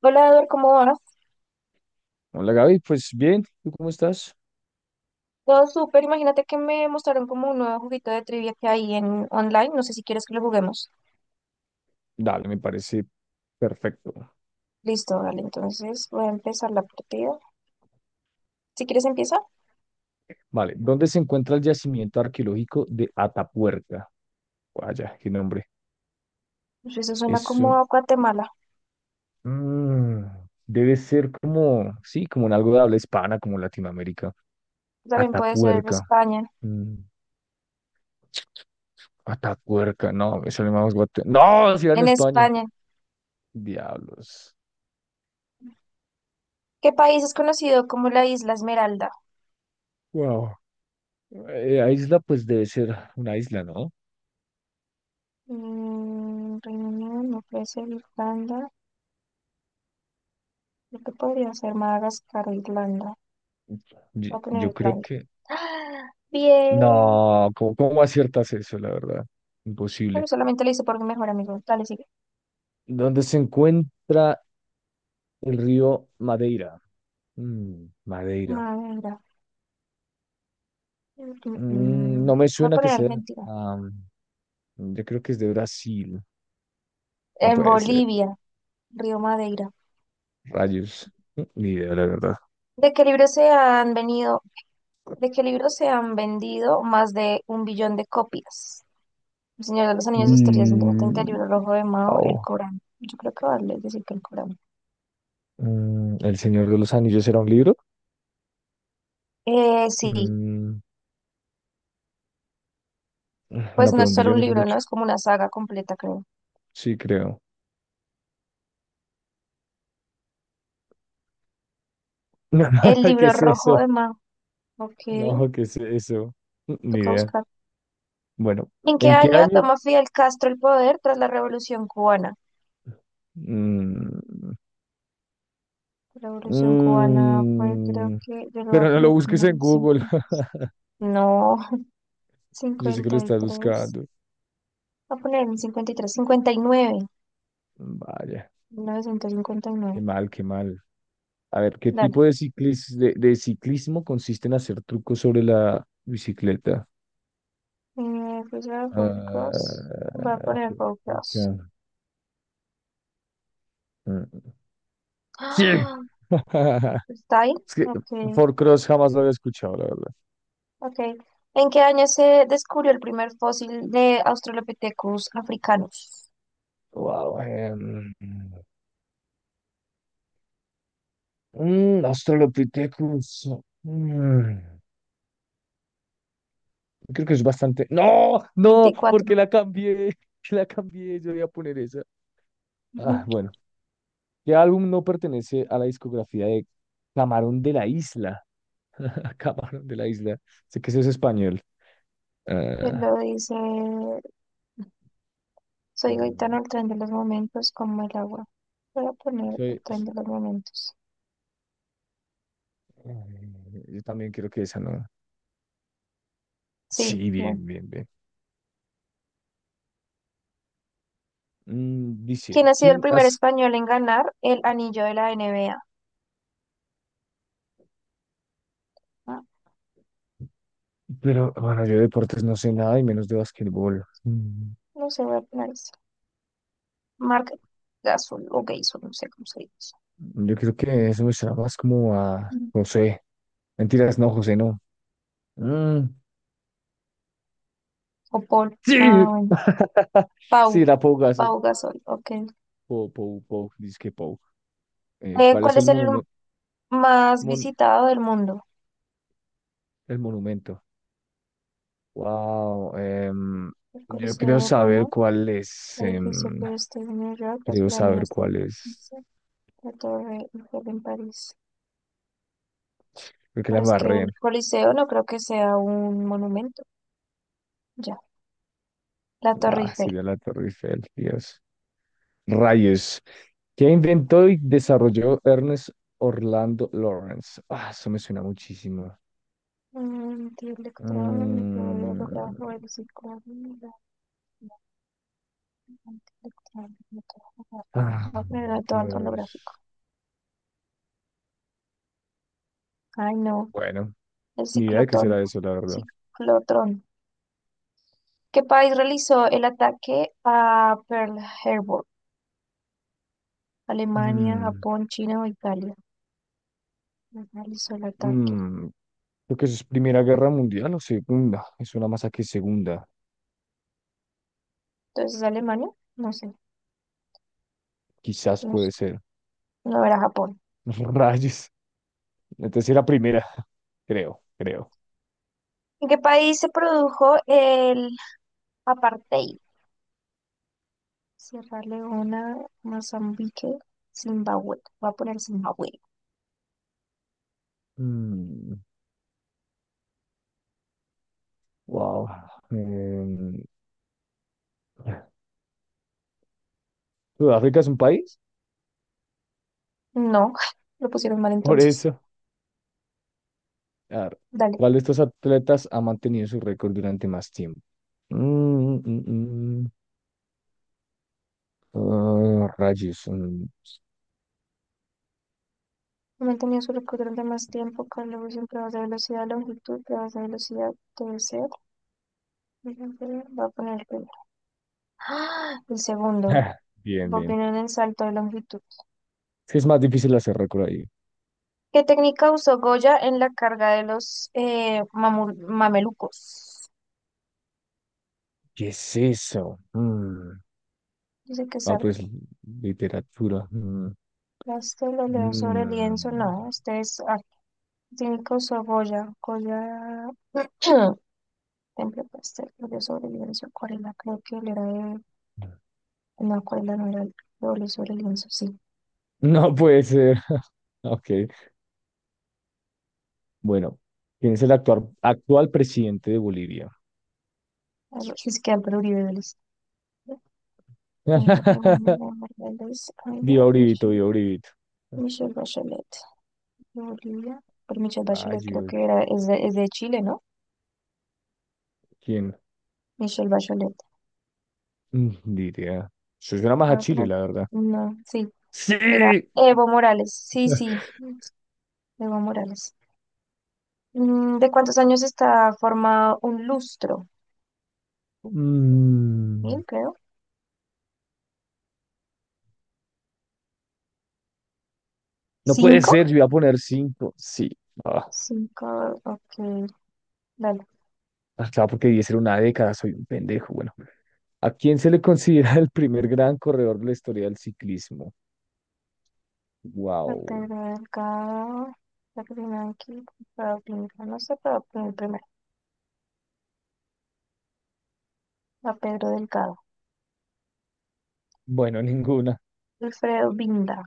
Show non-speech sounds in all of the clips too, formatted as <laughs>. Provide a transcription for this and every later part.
Hola, Eduardo, ¿cómo vas? Hola, Gaby, pues bien, ¿tú cómo estás? Todo súper. Imagínate que me mostraron como un nuevo juguito de trivia que hay en online. No sé si quieres que lo juguemos. Dale, me parece perfecto. Listo, vale. Entonces voy a empezar la partida. Si quieres, empieza. Vale, ¿dónde se encuentra el yacimiento arqueológico de Atapuerca? Vaya, qué nombre. Pues eso suena como Eso a Guatemala. mm, debe ser como, sí, como en algo de habla hispana, como Latinoamérica. También puede ser Atapuerca. España. mm, Atapuerca, no, me sale más guate. No, si era en En España. España. Diablos. ¿Qué país es conocido como la Isla Esmeralda? Wow. Isla, pues debe ser una isla, ¿no? Reino Unido, no puede ser Irlanda. Creo que podría ser Madagascar o Irlanda. Yo, Voy a poner yo creo Irlanda. que... ¡Ah! Bien. No, ¿cómo aciertas eso, la verdad? Bueno, Imposible. solamente lo hice por mi mejor amigo. Dale, sigue. ¿Dónde se encuentra el río Madeira? Mm, Madeira. Madera. Mm, mm, mm. No me Voy a suena que poner sea. Argentina. am, yo creo que es de Brasil. No En puede ser. Bolivia, Río Madeira. Rayos. Ni idea, la verdad. ¿De qué libro se han venido, de qué libro se han vendido más de un billón de copias? El Señor de los Anillos, Historia de Mm, el Libro Rojo de Mao, El au. Corán. Yo creo que vale decir que el Corán. ¿El Señor de los Anillos era un libro? Sí, Mm, pues no, no pero es un solo un billón es libro, ¿no? mucho. Es como una saga completa, creo. Sí, creo. El <laughs> ¿Qué Libro es Rojo eso? de Mao. Ok, No, ¿qué es eso? Ni toca idea. buscar. Bueno. ¿En qué ¿En qué año año... toma Fidel Castro el poder tras la Revolución Cubana? Mm, La Revolución Cubana fue, creo mm, que, yo lo voy a pero no lo poner busques como en en Google. cincuenta. <laughs> No, Yo sé que lo cincuenta y estás tres buscando. Voy a poner en cincuenta y tres, 59. Vaya, 1959. qué mal, qué mal. A ver, ¿qué Dale. tipo de de ciclismo consiste en hacer trucos sobre la bicicleta? Pues voy a poner Cross. Voy a Ah, poner Four juepucha. Cross. Mm, mm. Sí. ¡Ah! <laughs> ¿Está ahí? Es que Ok, Four-Cross jamás lo había escuchado, la verdad. ok. ¿En qué año se descubrió el primer fósil de Australopithecus africanos? Wow. Australopithecus. Mm. Creo que es bastante. ¡No! ¡No! 24. Porque la cambié. <laughs> La cambié. Yo voy a poner esa. Ah, <laughs> bueno. ¿Qué álbum no pertenece a la discografía de Camarón de la Isla? <laughs> Camarón de la Isla. Sé que eso es español. Te lo Ah, dice. Soy Gaetano, el mm, tren de los momentos, como el agua. Voy a poner el soy- tren s- de los momentos. Yo también creo que esa no. Sí, Sí, bien. bien, bien, bien. Dice, ¿Quién ha sido el ¿quién primer has...? español en ganar el anillo de la NBA? Ah, Pero, bueno, yo de deportes no sé nada y menos de basquetbol. Mm. no sé, voy a poner eso. Marc Gasol o Gasol, no sé cómo se dice. Yo creo que eso me suena más como a Mm. José. Mentiras, no, José, no. Mm, O Paul. Ah, sí, bueno. <laughs> Pau, sí, la Pou Gasol. Pau Gasol, ok. Pou, Pou, Pou, dizque Pou. ¿Cuál es ¿Cuál el es el monumento? más visitado del mundo? El monumento. Wow, El yo Coliseo creo de saber Roma, cuál es. el edificio em, que está en Nueva York, las creo saber pirámides de cuál es. Giza, la Torre Eiffel en París. Creo que la Pero es que embarré. el Coliseo no creo que sea un monumento. Ya. La Torre Ah, sí, Eiffel. de la Torre Eiffel, Dios. Rayos. ¿Qué inventó y desarrolló Ernest Orlando Lawrence? Ah, eso me suena muchísimo. Antielectrónico, Mm, holografo, el psicólogo, antielectrónico, Ah, holográfico, holográfico. Dios. Ay, no. Bueno. El Ni idea de qué ciclotón. será eso, la verdad. Ciclotrón. ¿Qué país realizó el ataque a Pearl Harbor? Alemania, Mm, Japón, China o Italia. Realizó el ataque. mm, Creo que eso es Primera Guerra Mundial o Segunda. Es una más que Segunda. Entonces, ¿Alemania? No sé. Quizás No puede sé. ser. No era Japón. <laughs> Rayos. Entonces era primera. <laughs> Creo, creo. ¿En qué país se produjo el Apartheid, Sierra Leona, Mozambique, Zimbabue. Voy a poner Zimbabue. Mm, wow. Em, ¿Sudáfrica es un país? No, <laughs> lo pusieron mal Por entonces. eso. A ver, Dale. ¿cuál de estos atletas ha mantenido su récord durante más tiempo? Mm, mm, mm. Ah, rayos. Mm. No mantenía su récord durante más tiempo con la en pruebas de velocidad, longitud, pruebas de velocidad, debe ser. Voy a poner el primero. ¡Ah! El segundo. <laughs> Bien, Voy a bien. poner el salto de longitud. Es que es más difícil hacer récord ahí. ¿Qué técnica usó Goya en la carga de los mamelucos? ¿Qué es eso? Mm. Dice que es Ah, arte. pues literatura. Mm. Las que lo leo sobre el Mm. lienzo, no. Este es Cinco, Saboya, Goya, <clears throat> Temple Pastel, óleo sobre lienzo, acuarela, creo que él era de, no, acuarela no era de óleo sobre lienzo, sí, No puede ser. <laughs> Ok, bueno. ¿Quién es el actual presidente de Bolivia? Es que Álvaro Uribe Vélez. Eh, Eva <laughs> María Morales, Ayla, Viva Uribito, Michelle, viva Uribito. Michelle Bachelet, de Bolivia, pero Michelle Bachelet creo que Rayos. era, es de Chile, ¿no? ¿Quién? Michelle Bachelet, Ni idea. Eso suena más voy a a Chile, poner, la verdad. no, sí, era ¡Sí! Evo Morales, sí, sí, <laughs> Evo Morales. ¿De cuántos años está formado un lustro? Mm, Mil, creo. no puede ¿Cinco? ser, yo iba a poner cinco. Sí. Ah, Cinco, ok. Dale. acá porque 10 era una década, soy un pendejo. Bueno. ¿A quién se le considera <laughs> el primer gran corredor de la historia del ciclismo? La Wow. Pedro Delgado. La primera aquí. Alfredo Binda. No sé, pero pon el primero. La Pedro Delgado. Bueno, ninguna. Alfredo Binda.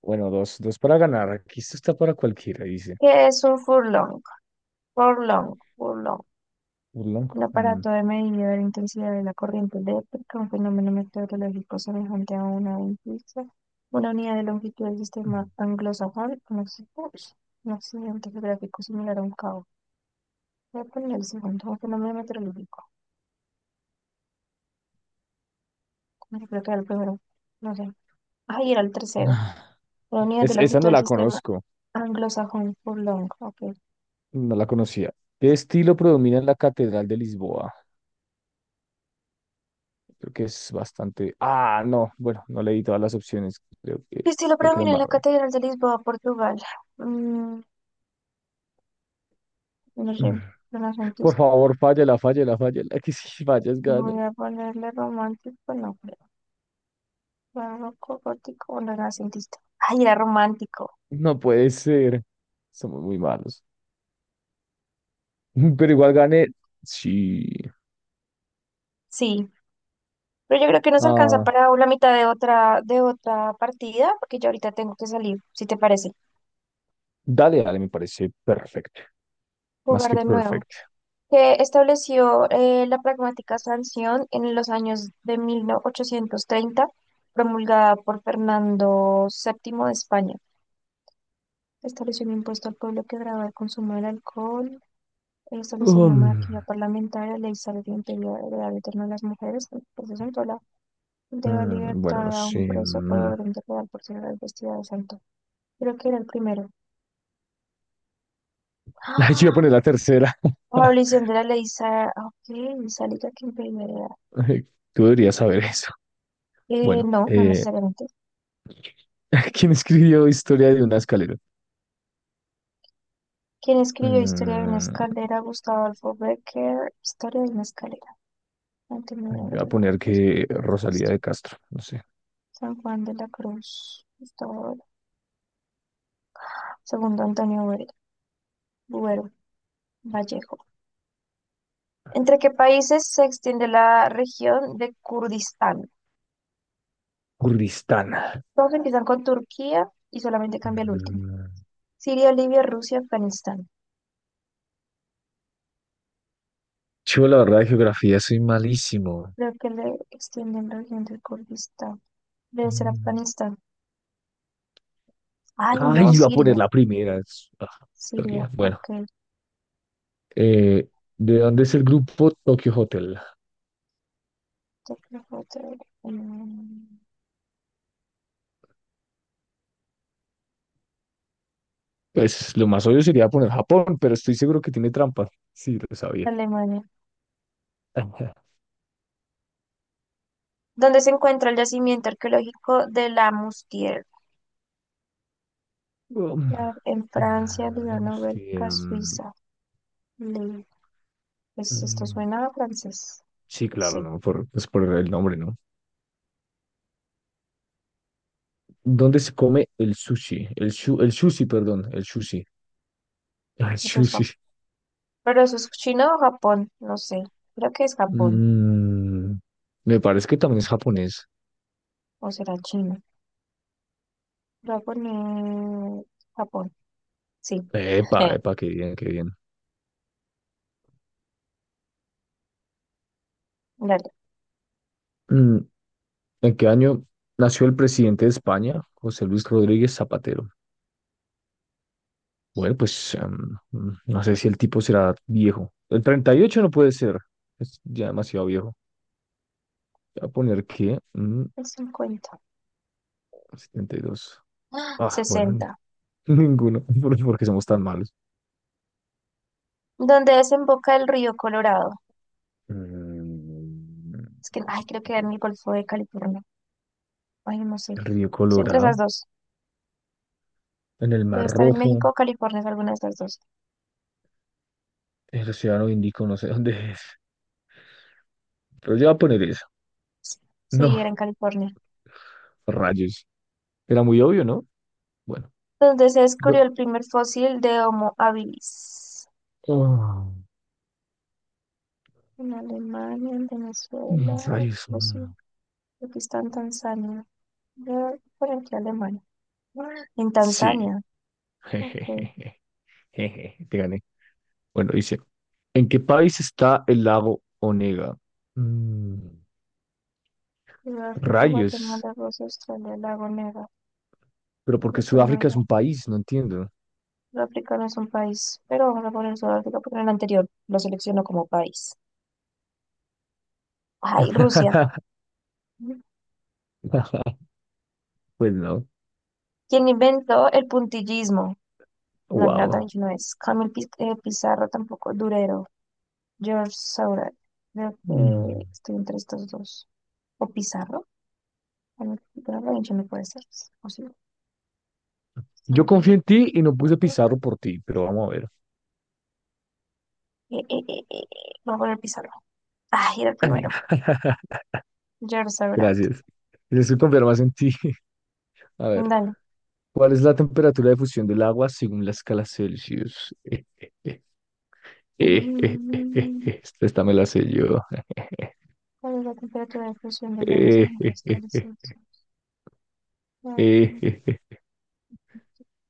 Bueno, dos, dos para ganar. Aquí esto está para cualquiera, dice. ¿Qué es un furlong? Furlong. Furlong. Urlong. Un Mm. aparato de medida de la intensidad de la corriente eléctrica, un fenómeno meteorológico semejante a una ventisca, una unidad de longitud del sistema anglosajón, un accidente geográfico similar a un cabo. Voy a poner el segundo, un fenómeno meteorológico. Bueno, creo que era el primero. No sé. Ay, era el tercero. La <sighs> unidad Es- del esa ojito no del la sistema conozco, anglosajón. Furlong. Ok. no la conocía. ¿Qué estilo predomina en la Catedral de Lisboa? Creo que es bastante. Ah, no, bueno, no leí todas las opciones. Creo que, Y estilo creo que la predomina en la embarré. Catedral de Lisboa, Portugal? Mm, <sighs> no sé. <laughs> Por Renacentista. favor, fállala, fállala, fállala. <laughs> Que si fallas, gano. Voy a ponerle romántico. No creo. Barroco, gótico o renacentista. Ay, era romántico. No puede ser. Somos muy malos. <laughs> Pero igual gané. Sí. Sí. Pero yo creo que nos alcanza Ah, para la mitad de otra partida, porque yo ahorita tengo que salir, si te parece. dale, dale, me parece perfecto. Más Jugar que de nuevo. perfecto. Que estableció la pragmática sanción en los años de 1830, promulgada por Fernando VII de España. Estableció un impuesto al pueblo que grababa el consumo del alcohol, estableció una Um, monarquía parlamentaria, ley salario imperial, heredad eterna de las mujeres, el proceso en Tola, deba bueno, no libertad a sé. un preso por Mm. orden de real por ser vestida de santo. Creo que era el primero. <laughs> Ay, yo voy a ¡Ah! poner la tercera. Abolición de la ley ok, sálica que impedía la. <laughs> Ay, tú deberías saber eso. Bueno, No, no necesariamente. <laughs> ¿quién escribió Historia de una escalera? Quien escribió Historia de una Mm, escalera? Gustavo Adolfo Becker. Historia de una escalera. Antonio de Voy a Obregón. poner José que de Rosalía Castro. de Castro, no sé. San Juan de la Cruz. Gustavo Adolfo. Segundo Antonio Buero. Buero, Vallejo. ¿Entre qué países se extiende la región de Kurdistán? Kurdistán. Todos empiezan con Turquía y solamente cambia el último. Mm. Siria, Libia, Rusia, Afganistán. Yo, la verdad, de geografía soy malísimo. Creo que le extienden la región de Kurdistán. Debe ser Mm. Afganistán. Ay, Ay, no, iba a poner Siria. la primera. es- ah, Siria, todavía. Bueno, ok. eh, ¿de dónde es el grupo Tokyo Hotel? Mm, Pues lo más obvio sería poner Japón, pero estoy seguro que tiene trampa. Sí, lo sabía. Alemania, <laughs> donde se encuentra el yacimiento arqueológico de la Mustier, Um, en Francia, ah, Líbano, veamos si, Bélgica, Suiza. Le- Pues esto mm, suena a francés. sí, claro, Sí, ¿no? Pues por el nombre, ¿no? ¿Dónde se come el sushi? El sushi, perdón, el sushi. <laughs> Ah, el eso es sushi. Japón. Pero eso es China o Japón, no sé. Creo que es Japón, Mm, Me parece que también es japonés. o será China. Voy a poner Japón, sí. Epa, Sí. epa, qué bien, qué bien. Dale, Mm, ¿En qué año nació el presidente de España, José Luis Rodríguez Zapatero? Bueno, pues no sé si el tipo será viejo. El 38 no puede ser, es ya demasiado viejo. Voy a poner que el 50. 72. ¡Ah! Ah, bueno, 60. <laughs> ninguno, <laughs> porque somos tan malos. ¿Dónde desemboca el río Colorado? Mm. Es que, ay, creo que era en el Golfo de California. Ay, no sé. El río Estoy entre esas Colorado, dos. en el Debe Mar estar en Rojo, México o California, es alguna de estas dos. el Océano Índico, no sé <laughs> dónde es. Pero yo voy a poner eso. Sí, era No, en California. rayos. Era muy obvio, ¿no? Bueno. Donde se descubrió do- el primer fósil de Homo habilis. oh, En Alemania, en Venezuela, Rayos. no sé. Mm. Aquí está en Tanzania. Voy por aquí Alemania. En Sí. Tanzania. <laughs> Ok. Jejeje, jeje, te gané. Bueno, dice, ¿en qué país está el lago Onega? Mm, Sudáfrica, Rayos. Guatemala, Rusia, Australia, Lago Nega, Pero porque Sudáfrica es Guatemala. un país, no entiendo. Sudáfrica no es un país, pero vamos a poner Sudáfrica porque en el anterior lo selecciono como país. Ay, Rusia. <laughs> Pues no. Quien inventó el puntillismo. No, Leonardo da Wow. Vinci no es. Camil Pizarro tampoco. Durero. George Seurat. Creo que Mm. estoy entre estos dos. ¿O Pizarro? Camil Pizarro, Da Vinci no puede ser. ¿O sí? Yo Sale con confío él. en ti y no puse Pizarro por ti, pero vamos a ver. Eh, eh, eh, eh, eh, Voy a poner Pizarro. Ah, era el primero. <laughs> George Seurat. Gracias. Necesito confiar más en ti. <laughs> A ver, Dale. ¿cuál es la temperatura de fusión del agua según la escala Celsius? <laughs> Mm, Esta me la sé yo. <laughs> ¿Cuál es la temperatura de fusión del agua sobre Eh, eh, las eh, cabezas? eh, eh,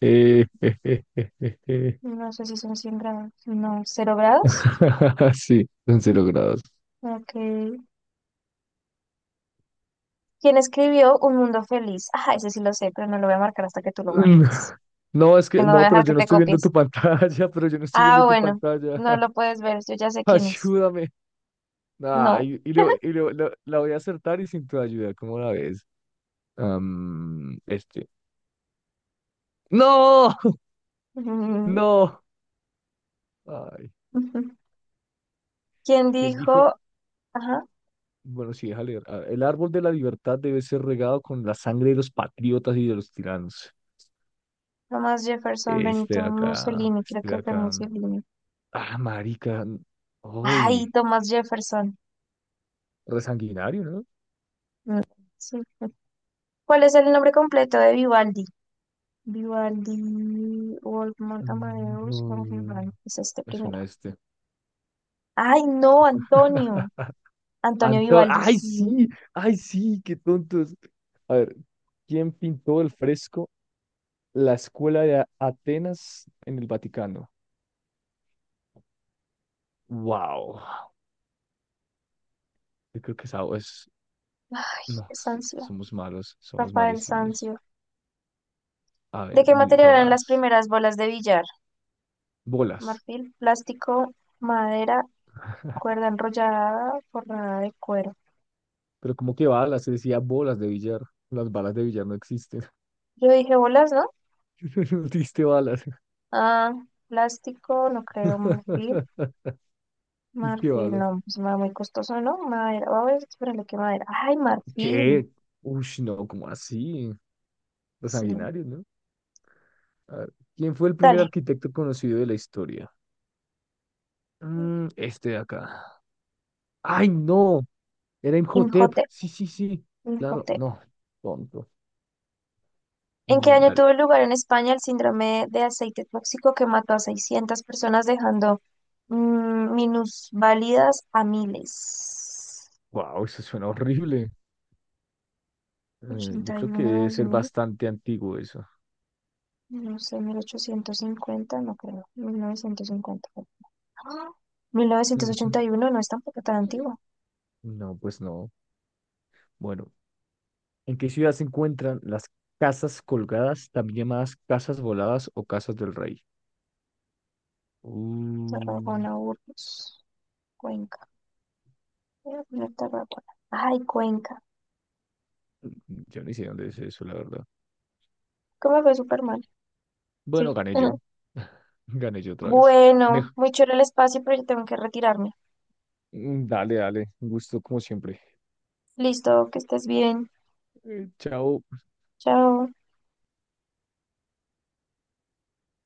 eh, eh, eh, eh, eh, eh, eh. No sé si son 100 grados. No, 0 grados? <laughs> Sí, son 0 grados. Ok. Quién escribió Un Mundo Feliz. Ajá, ese sí lo sé, pero no lo voy a marcar hasta que tú lo Mm, marques. no, es Que que no voy a no, pero dejar que yo no te estoy viendo copies. tu pantalla, <laughs> pero yo no estoy Ah, viendo tu bueno, pantalla. no <laughs> lo puedes ver, yo ya sé quién es. Ayúdame. No. Ay, y, le- <laughs> y le- la la voy a acertar y sin tu ayuda, ¿cómo la ves? Este. No, <laughs> Mm, no. Ay, ujú. ¿Quién ¿quién dijo? dijo? Ajá, Bueno, sí, deja leer. A ver, el árbol de la libertad debe ser regado con la sangre de los patriotas y de los tiranos. Thomas Jefferson, Este Benito de acá, Mussolini, creo este de que fue acá. Mussolini. Ah, marica. Ay, Uy, Thomas Jefferson. resanguinario, ¿no? Mm, sí. Sí. ¿Cuál es el nombre completo de Vivaldi? Vivaldi, Wolfgang Mm, Amadeus, no, Wolfgang, es este me primero. suena este. Ay, no, Antonio. <laughs> Antonio Vivaldi, ¡Ay, sí. sí! ¡Ay, sí! ¡Qué tontos! A ver, ¿quién pintó el fresco La Escuela de Atenas en el Vaticano? ¡Wow! Yo creo que esa es... Ay, No, Sancio, somos malos, somos Rafael malísimos. Sancio. A ¿De ver, qué material eran las dirijadas. primeras bolas de billar? Bolas. Marfil, plástico, madera, cuerda enrollada, forrada de cuero. ¿Pero como que balas? Se decía bolas de billar. Las balas de billar no existen. Yo dije bolas, ¿no? <laughs> No existe balas. Ah, plástico, no creo, marfil. <laughs> ¿Qué Marfil, balas? no, pues me va muy costoso, ¿no? Madera, a ver, espérale, ¿qué madera? Ay, marfil, ¿Qué? Uy, no, ¿cómo así? Los sí. sanguinarios, ¿no? A ver, ¿quién fue el primer Dale, arquitecto conocido de la historia? Este de acá. ¡Ay, no! Era Imhotep. Injote, Sí, sí, sí. Claro, no. Tonto. ¿En qué Mm, año dale. tuvo lugar en España el síndrome de aceite tóxico que mató a 600 personas dejando minusválidas a miles? Wow, eso suena horrible. Yo Ochenta y creo que uno debe dos ser mil, bastante antiguo eso. no sé, 1850 no creo, 1900 fue. ¡Ah! mil novecientos ochenta y <laughs> uno no es tampoco tan antiguo. No, pues no. Bueno, ¿en qué ciudad se encuentran las casas colgadas, también llamadas casas voladas o casas del rey? Uh, Tarragona, Burgos, Cuenca. Voy a poner Tarragona. Ay, Cuenca. yo ni sé dónde es eso, la verdad. ¿Cómo fue Superman? Sí. Bueno, gané yo. <laughs> <laughs> Gané yo otra vez. Mej- Bueno, muy chévere el espacio, pero yo tengo que retirarme. Dale, dale. Un gusto como siempre. Listo, que estés bien. Chao. Chao.